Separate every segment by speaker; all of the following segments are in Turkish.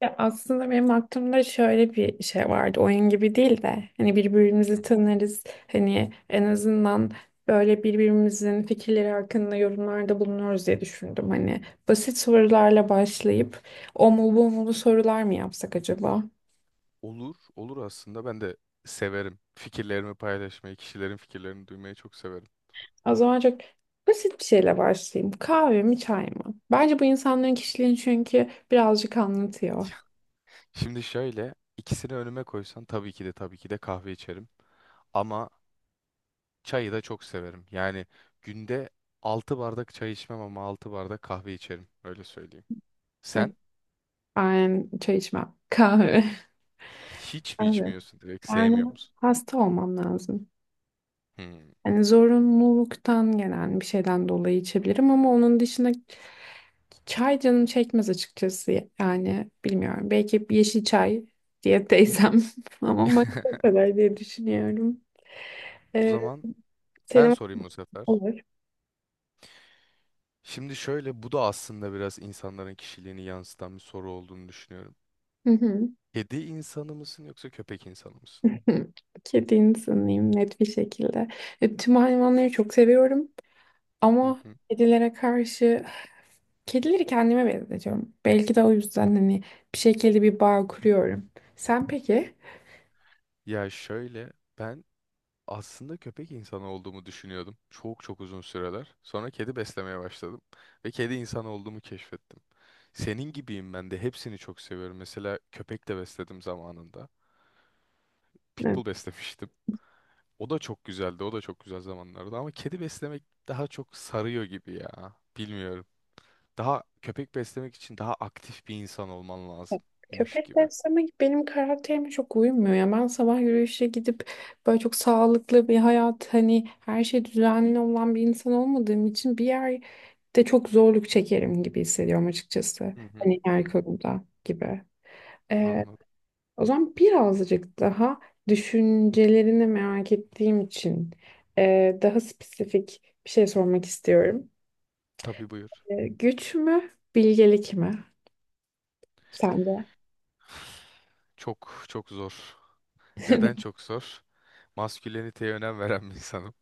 Speaker 1: Ya aslında benim aklımda şöyle bir şey vardı. Oyun gibi değil de hani birbirimizi tanırız. Hani en azından böyle birbirimizin fikirleri hakkında yorumlarda bulunuyoruz diye düşündüm. Hani basit sorularla başlayıp o mu bu mu sorular mı yapsak acaba?
Speaker 2: Olur, olur aslında. Ben de severim. Fikirlerimi paylaşmayı, kişilerin fikirlerini duymayı çok severim.
Speaker 1: O zaman çok basit bir şeyle başlayayım. Kahve mi çay mı? Bence bu insanların kişiliğini çünkü birazcık anlatıyor.
Speaker 2: Şimdi şöyle, ikisini önüme koysan tabii ki de kahve içerim. Ama çayı da çok severim. Yani günde 6 bardak çay içmem ama 6 bardak kahve içerim. Öyle söyleyeyim.
Speaker 1: Bak,
Speaker 2: Sen
Speaker 1: ben çay içmem. Kahve.
Speaker 2: hiç mi
Speaker 1: Kahve.
Speaker 2: içmiyorsun direkt? Sevmiyor
Speaker 1: Yani
Speaker 2: musun?
Speaker 1: hasta olmam lazım.
Speaker 2: Hmm.
Speaker 1: Yani zorunluluktan gelen bir şeyden dolayı içebilirim ama onun dışında çay canım çekmez açıkçası. Yani bilmiyorum. Belki bir yeşil çay diye teyzem ama makine o kadar diye düşünüyorum.
Speaker 2: O
Speaker 1: Ee,
Speaker 2: zaman ben
Speaker 1: senin
Speaker 2: sorayım bu sefer.
Speaker 1: olur.
Speaker 2: Şimdi şöyle, bu da aslında biraz insanların kişiliğini yansıtan bir soru olduğunu düşünüyorum.
Speaker 1: Hı hı.
Speaker 2: Kedi insanı mısın yoksa köpek insanı mısın?
Speaker 1: Kedi insanıyım net bir şekilde. E, tüm hayvanları çok seviyorum
Speaker 2: Hı
Speaker 1: ama
Speaker 2: hı.
Speaker 1: kedilere karşı kedileri kendime benzetiyorum. Belki de o yüzden hani bir şekilde bir bağ kuruyorum. Sen peki?
Speaker 2: Ya şöyle ben aslında köpek insanı olduğumu düşünüyordum. Çok çok uzun süreler. Sonra kedi beslemeye başladım ve kedi insanı olduğumu keşfettim. Senin gibiyim, ben de hepsini çok seviyorum. Mesela köpek de besledim zamanında. Pitbull beslemiştim. O da çok güzeldi. O da çok güzel zamanlardı ama kedi beslemek daha çok sarıyor gibi ya. Bilmiyorum. Daha köpek beslemek için daha aktif bir insan olman lazımmış
Speaker 1: Köpek
Speaker 2: gibi.
Speaker 1: besleme benim karakterime çok uymuyor ya. Ben sabah yürüyüşe gidip böyle çok sağlıklı bir hayat hani her şey düzenli olan bir insan olmadığım için bir yerde çok zorluk çekerim gibi hissediyorum açıkçası.
Speaker 2: Hı hı.
Speaker 1: Hani yer
Speaker 2: Hı.
Speaker 1: konuda gibi.
Speaker 2: Anladım.
Speaker 1: O zaman birazcık daha düşüncelerini merak ettiğim için daha spesifik bir şey sormak istiyorum.
Speaker 2: Tabii, buyur.
Speaker 1: E, güç mü, bilgelik mi? Sende.
Speaker 2: Çok çok zor. Neden çok zor? Masküleniteye önem veren bir insanım.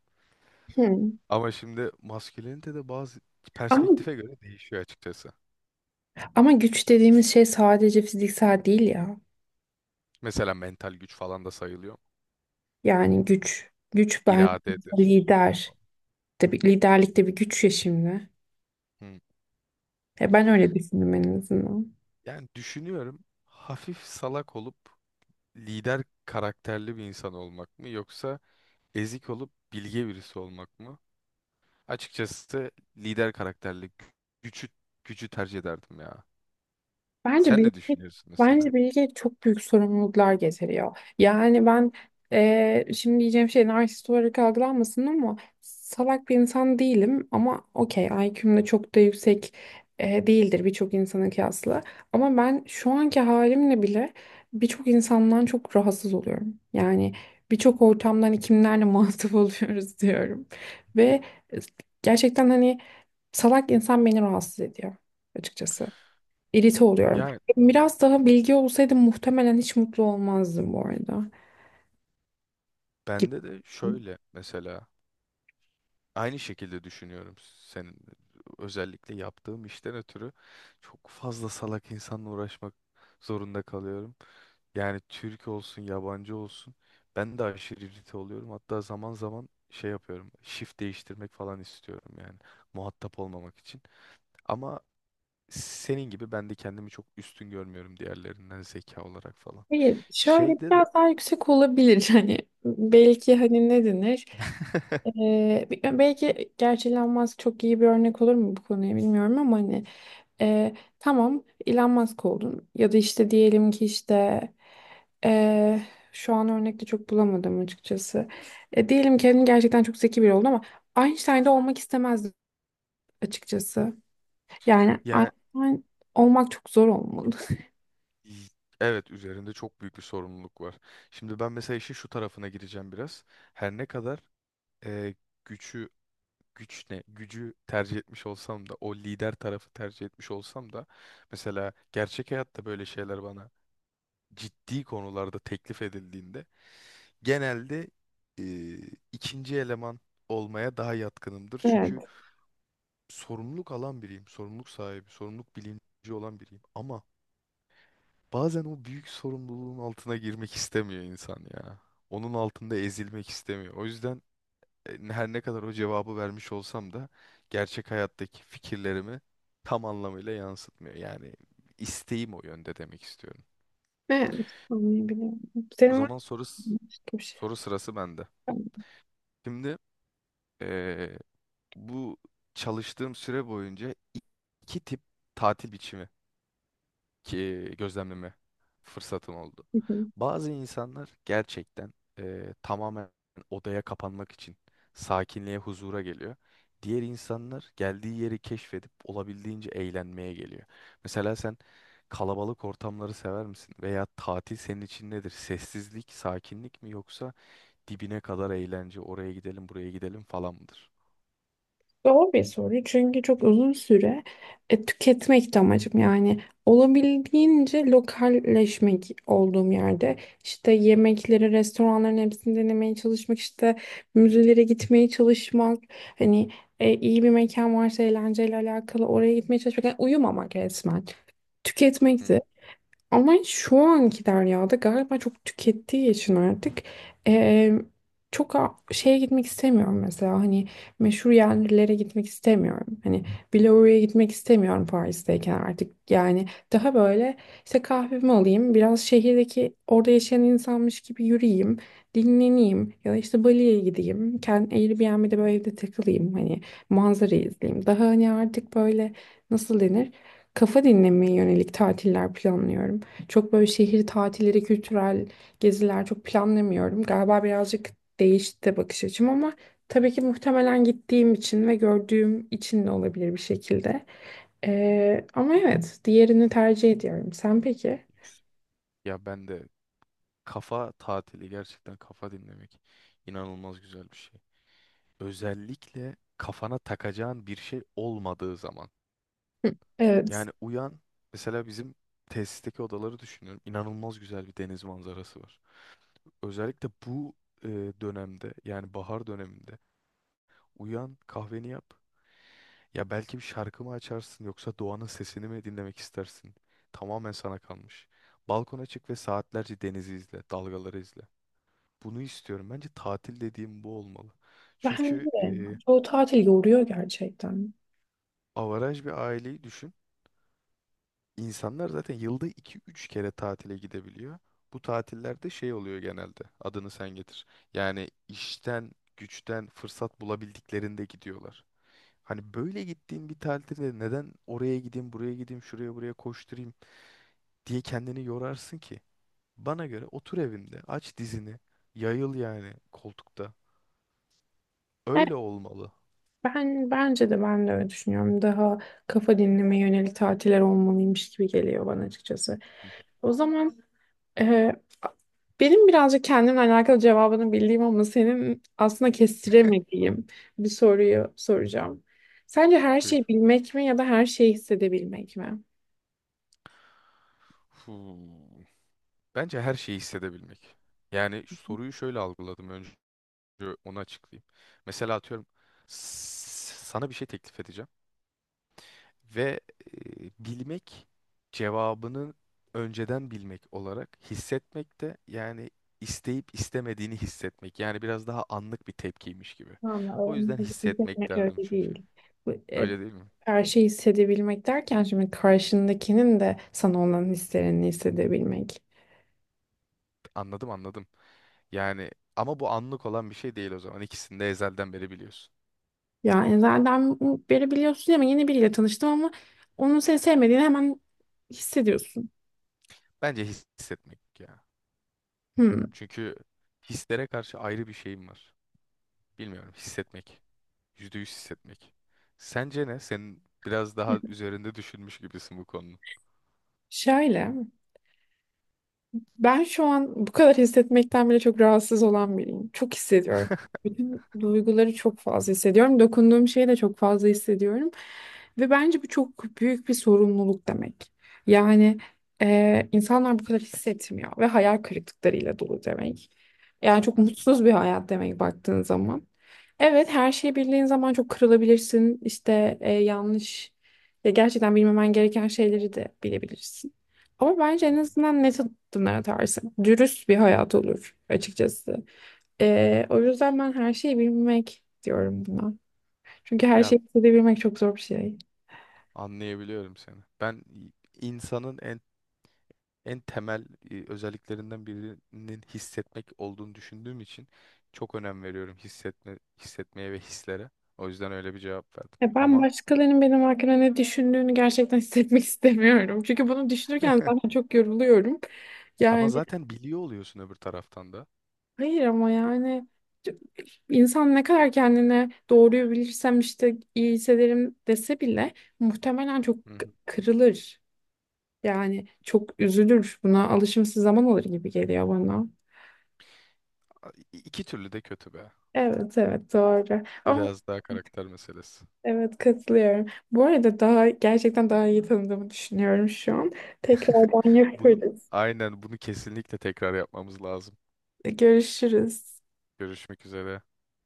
Speaker 1: Hmm.
Speaker 2: Ama şimdi maskülenite de bazı
Speaker 1: Ama,
Speaker 2: perspektife göre değişiyor açıkçası.
Speaker 1: ama güç dediğimiz şey sadece fiziksel değil ya.
Speaker 2: Mesela mental güç falan da sayılıyor.
Speaker 1: Yani güç ben
Speaker 2: İradedir.
Speaker 1: lider. Tabii liderlik de bir güç ya şimdi.
Speaker 2: Hı.
Speaker 1: E, ben öyle düşündüm en azından.
Speaker 2: Yani düşünüyorum, hafif salak olup lider karakterli bir insan olmak mı, yoksa ezik olup bilge birisi olmak mı? Açıkçası lider karakterli gücü gücü tercih ederdim ya.
Speaker 1: Bence
Speaker 2: Sen ne
Speaker 1: bilgi,
Speaker 2: düşünüyorsun mesela?
Speaker 1: bence bilgi çok büyük sorumluluklar getiriyor. Yani ben şimdi diyeceğim şey narsist olarak algılanmasın ama salak bir insan değilim ama okey IQ'm de çok da yüksek değildir birçok insana kıyasla. Ama ben şu anki halimle bile birçok insandan çok rahatsız oluyorum. Yani birçok ortamdan hani kimlerle muhatap oluyoruz diyorum. Ve gerçekten hani salak insan beni rahatsız ediyor açıkçası irite oluyorum.
Speaker 2: Ya,
Speaker 1: Biraz daha bilgi olsaydı muhtemelen hiç mutlu olmazdım bu arada. Gibi.
Speaker 2: bende de şöyle mesela aynı şekilde düşünüyorum senin. Özellikle yaptığım işten ötürü çok fazla salak insanla uğraşmak zorunda kalıyorum. Yani Türk olsun, yabancı olsun, ben de aşırı irite oluyorum. Hatta zaman zaman şey yapıyorum, shift değiştirmek falan istiyorum yani, muhatap olmamak için. Ama senin gibi ben de kendimi çok üstün görmüyorum diğerlerinden, zeka olarak falan.
Speaker 1: Hayır, şöyle
Speaker 2: Şeyde de
Speaker 1: biraz daha yüksek olabilir hani belki hani ne denir? Belki gerçi Elon Musk çok iyi bir örnek olur mu bu konuya bilmiyorum ama hani tamam Elon Musk oldun ya da işte diyelim ki e, şu an örnekte çok bulamadım açıkçası. E, diyelim ki hani gerçekten çok zeki biri oldun ama Einstein'da olmak istemez açıkçası. Yani
Speaker 2: yani.
Speaker 1: Einstein olmak çok zor olmalı.
Speaker 2: İ- Evet, üzerinde çok büyük bir sorumluluk var. Şimdi ben mesela işin şu tarafına gireceğim biraz. Her ne kadar e, gücü güç ne gücü tercih etmiş olsam da, o lider tarafı tercih etmiş olsam da, mesela gerçek hayatta böyle şeyler bana ciddi konularda teklif edildiğinde genelde e, ikinci eleman olmaya daha yatkınımdır. Çünkü
Speaker 1: Evet.
Speaker 2: sorumluluk alan biriyim, sorumluluk sahibi, sorumluluk bilinci olan biriyim. Ama bazen o büyük sorumluluğun altına girmek istemiyor insan ya. Onun altında ezilmek istemiyor. O yüzden her ne kadar o cevabı vermiş olsam da gerçek hayattaki fikirlerimi tam anlamıyla yansıtmıyor. Yani isteğim o yönde demek istiyorum.
Speaker 1: Evet. Anlayabiliyorum.
Speaker 2: O
Speaker 1: Senin var
Speaker 2: zaman
Speaker 1: mı başka bir şey?
Speaker 2: soru sırası bende. Şimdi e, bu çalıştığım süre boyunca iki tip tatil biçimi ki gözlemleme fırsatım oldu.
Speaker 1: Hı hı.
Speaker 2: Bazı insanlar gerçekten tamamen odaya kapanmak için sakinliğe, huzura geliyor. Diğer insanlar geldiği yeri keşfedip olabildiğince eğlenmeye geliyor. Mesela sen kalabalık ortamları sever misin? Veya tatil senin için nedir? Sessizlik, sakinlik mi, yoksa dibine kadar eğlence, oraya gidelim, buraya gidelim falan mıdır?
Speaker 1: Zor bir soru çünkü çok uzun süre tüketmek de amacım yani olabildiğince lokalleşmek olduğum yerde işte yemekleri restoranların hepsini denemeye çalışmak işte müzelere gitmeye çalışmak hani iyi bir mekan varsa eğlenceyle alakalı oraya gitmeye çalışmak yani uyumamak resmen
Speaker 2: Hmm.
Speaker 1: tüketmekti. Ama şu anki Derya'da galiba çok tükettiği için artık eee, şeye gitmek istemiyorum mesela hani meşhur yerlere gitmek istemiyorum. Hani Biloru'ya gitmek istemiyorum Paris'teyken artık yani daha böyle işte kahvemi alayım biraz şehirdeki orada yaşayan insanmış gibi yürüyeyim dinleneyim ya da işte Bali'ye gideyim kendi Airbnb'de böyle evde takılayım hani manzarayı izleyeyim. Daha hani artık böyle nasıl denir? Kafa dinlemeye yönelik tatiller planlıyorum. Çok böyle şehir tatilleri, kültürel geziler çok planlamıyorum. Galiba birazcık değişti bakış açım ama tabii ki muhtemelen gittiğim için ve gördüğüm için de olabilir bir şekilde. Ama evet, diğerini tercih ediyorum. Sen peki?
Speaker 2: Ya ben de kafa tatili, gerçekten kafa dinlemek inanılmaz güzel bir şey. Özellikle kafana takacağın bir şey olmadığı zaman.
Speaker 1: Evet.
Speaker 2: Yani uyan, mesela bizim tesisteki odaları düşünüyorum. İnanılmaz güzel bir deniz manzarası var. Özellikle bu e, dönemde, yani bahar döneminde, uyan kahveni yap. Ya belki bir şarkı mı açarsın, yoksa doğanın sesini mi dinlemek istersin? Tamamen sana kalmış. Balkona çık ve saatlerce denizi izle, dalgaları izle. Bunu istiyorum. Bence tatil dediğim bu olmalı.
Speaker 1: Ben
Speaker 2: Çünkü
Speaker 1: de. Çoğu tatil yoruyor gerçekten.
Speaker 2: avaraj bir aileyi düşün. İnsanlar zaten yılda iki üç kere tatile gidebiliyor. Bu tatillerde şey oluyor genelde. Adını sen getir. Yani işten, güçten fırsat bulabildiklerinde gidiyorlar. Hani böyle gittiğin bir tatilde, neden oraya gideyim, buraya gideyim, şuraya buraya koşturayım diye kendini yorarsın ki? Bana göre otur evinde, aç dizini, yayıl yani koltukta. Öyle olmalı.
Speaker 1: Ben de öyle düşünüyorum. Daha kafa dinleme yönelik tatiller olmalıymış gibi geliyor bana açıkçası.
Speaker 2: Hı,
Speaker 1: O zaman e, benim birazcık kendimle alakalı cevabını bildiğim ama senin aslında kestiremediğim bir soruyu soracağım. Sence her şeyi
Speaker 2: buyur.
Speaker 1: bilmek mi ya da her şeyi hissedebilmek mi?
Speaker 2: Hmm. Bence her şeyi hissedebilmek. Yani soruyu şöyle algıladım. Yo, onu açıklayayım. Mesela atıyorum, sana bir şey teklif edeceğim ve bilmek cevabını önceden bilmek olarak, hissetmek de yani isteyip istemediğini hissetmek. Yani biraz daha anlık bir tepkiymiş gibi.
Speaker 1: Ama
Speaker 2: O
Speaker 1: onlar
Speaker 2: yüzden hissetmek
Speaker 1: için
Speaker 2: derdim
Speaker 1: öyle
Speaker 2: çünkü.
Speaker 1: değil. Bu, e,
Speaker 2: Öyle değil mi?
Speaker 1: her şeyi hissedebilmek derken şimdi karşındakinin de sana olan hislerini hissedebilmek.
Speaker 2: Anladım, anladım. Yani ama bu anlık olan bir şey değil o zaman. İkisini de ezelden beri biliyorsun.
Speaker 1: Ya Enzel'den beri biliyorsun ama yeni biriyle tanıştım ama onun seni sevmediğini hemen hissediyorsun.
Speaker 2: Bence hissetmek ya.
Speaker 1: Hmm.
Speaker 2: Çünkü hislere karşı ayrı bir şeyim var. Bilmiyorum, hissetmek. %100 hissetmek. Sence ne? Senin biraz daha üzerinde düşünmüş gibisin bu konunun.
Speaker 1: Şöyle, ben şu an bu kadar hissetmekten bile çok rahatsız olan biriyim. Çok hissediyorum. Bütün duyguları çok fazla hissediyorum. Dokunduğum şeyi de çok fazla hissediyorum. Ve bence bu çok büyük bir sorumluluk demek. Yani insanlar bu kadar hissetmiyor ve hayal kırıklıklarıyla dolu demek. Yani çok
Speaker 2: Hı hı,
Speaker 1: mutsuz bir hayat demek baktığın zaman. Evet her şeyi bildiğin zaman çok kırılabilirsin. İşte yanlış ya gerçekten bilmemen gereken şeyleri de bilebilirsin. Ama bence
Speaker 2: hı
Speaker 1: en
Speaker 2: hı.
Speaker 1: azından net adımlar atarsın. Dürüst bir hayat olur açıkçası. O yüzden ben her şeyi bilmek diyorum buna. Çünkü her
Speaker 2: Ya,
Speaker 1: şeyi hissedebilmek çok zor bir şey.
Speaker 2: anlayabiliyorum seni. Ben insanın en temel özelliklerinden birinin hissetmek olduğunu düşündüğüm için çok önem veriyorum hissetmeye ve hislere. O yüzden öyle bir cevap verdim.
Speaker 1: Ya ben
Speaker 2: Ama
Speaker 1: başkalarının benim hakkında ne düşündüğünü gerçekten hissetmek istemiyorum. Çünkü bunu düşünürken zaten çok yoruluyorum.
Speaker 2: ama
Speaker 1: Yani
Speaker 2: zaten biliyor oluyorsun öbür taraftan da.
Speaker 1: hayır ama yani c- insan ne kadar kendine doğruyu bilirsem işte iyi hissederim dese bile muhtemelen çok
Speaker 2: Hı hı.
Speaker 1: kırılır. Yani çok üzülür buna alışması zaman alır gibi geliyor bana.
Speaker 2: İki türlü de kötü be.
Speaker 1: Evet doğru. Ama
Speaker 2: Biraz daha karakter meselesi.
Speaker 1: evet katılıyorum. Bu arada daha gerçekten daha iyi tanıdığımı düşünüyorum şu an. Tekrardan
Speaker 2: Bunu
Speaker 1: yaparız.
Speaker 2: aynen bunu kesinlikle tekrar yapmamız lazım.
Speaker 1: Görüşürüz.
Speaker 2: Görüşmek üzere.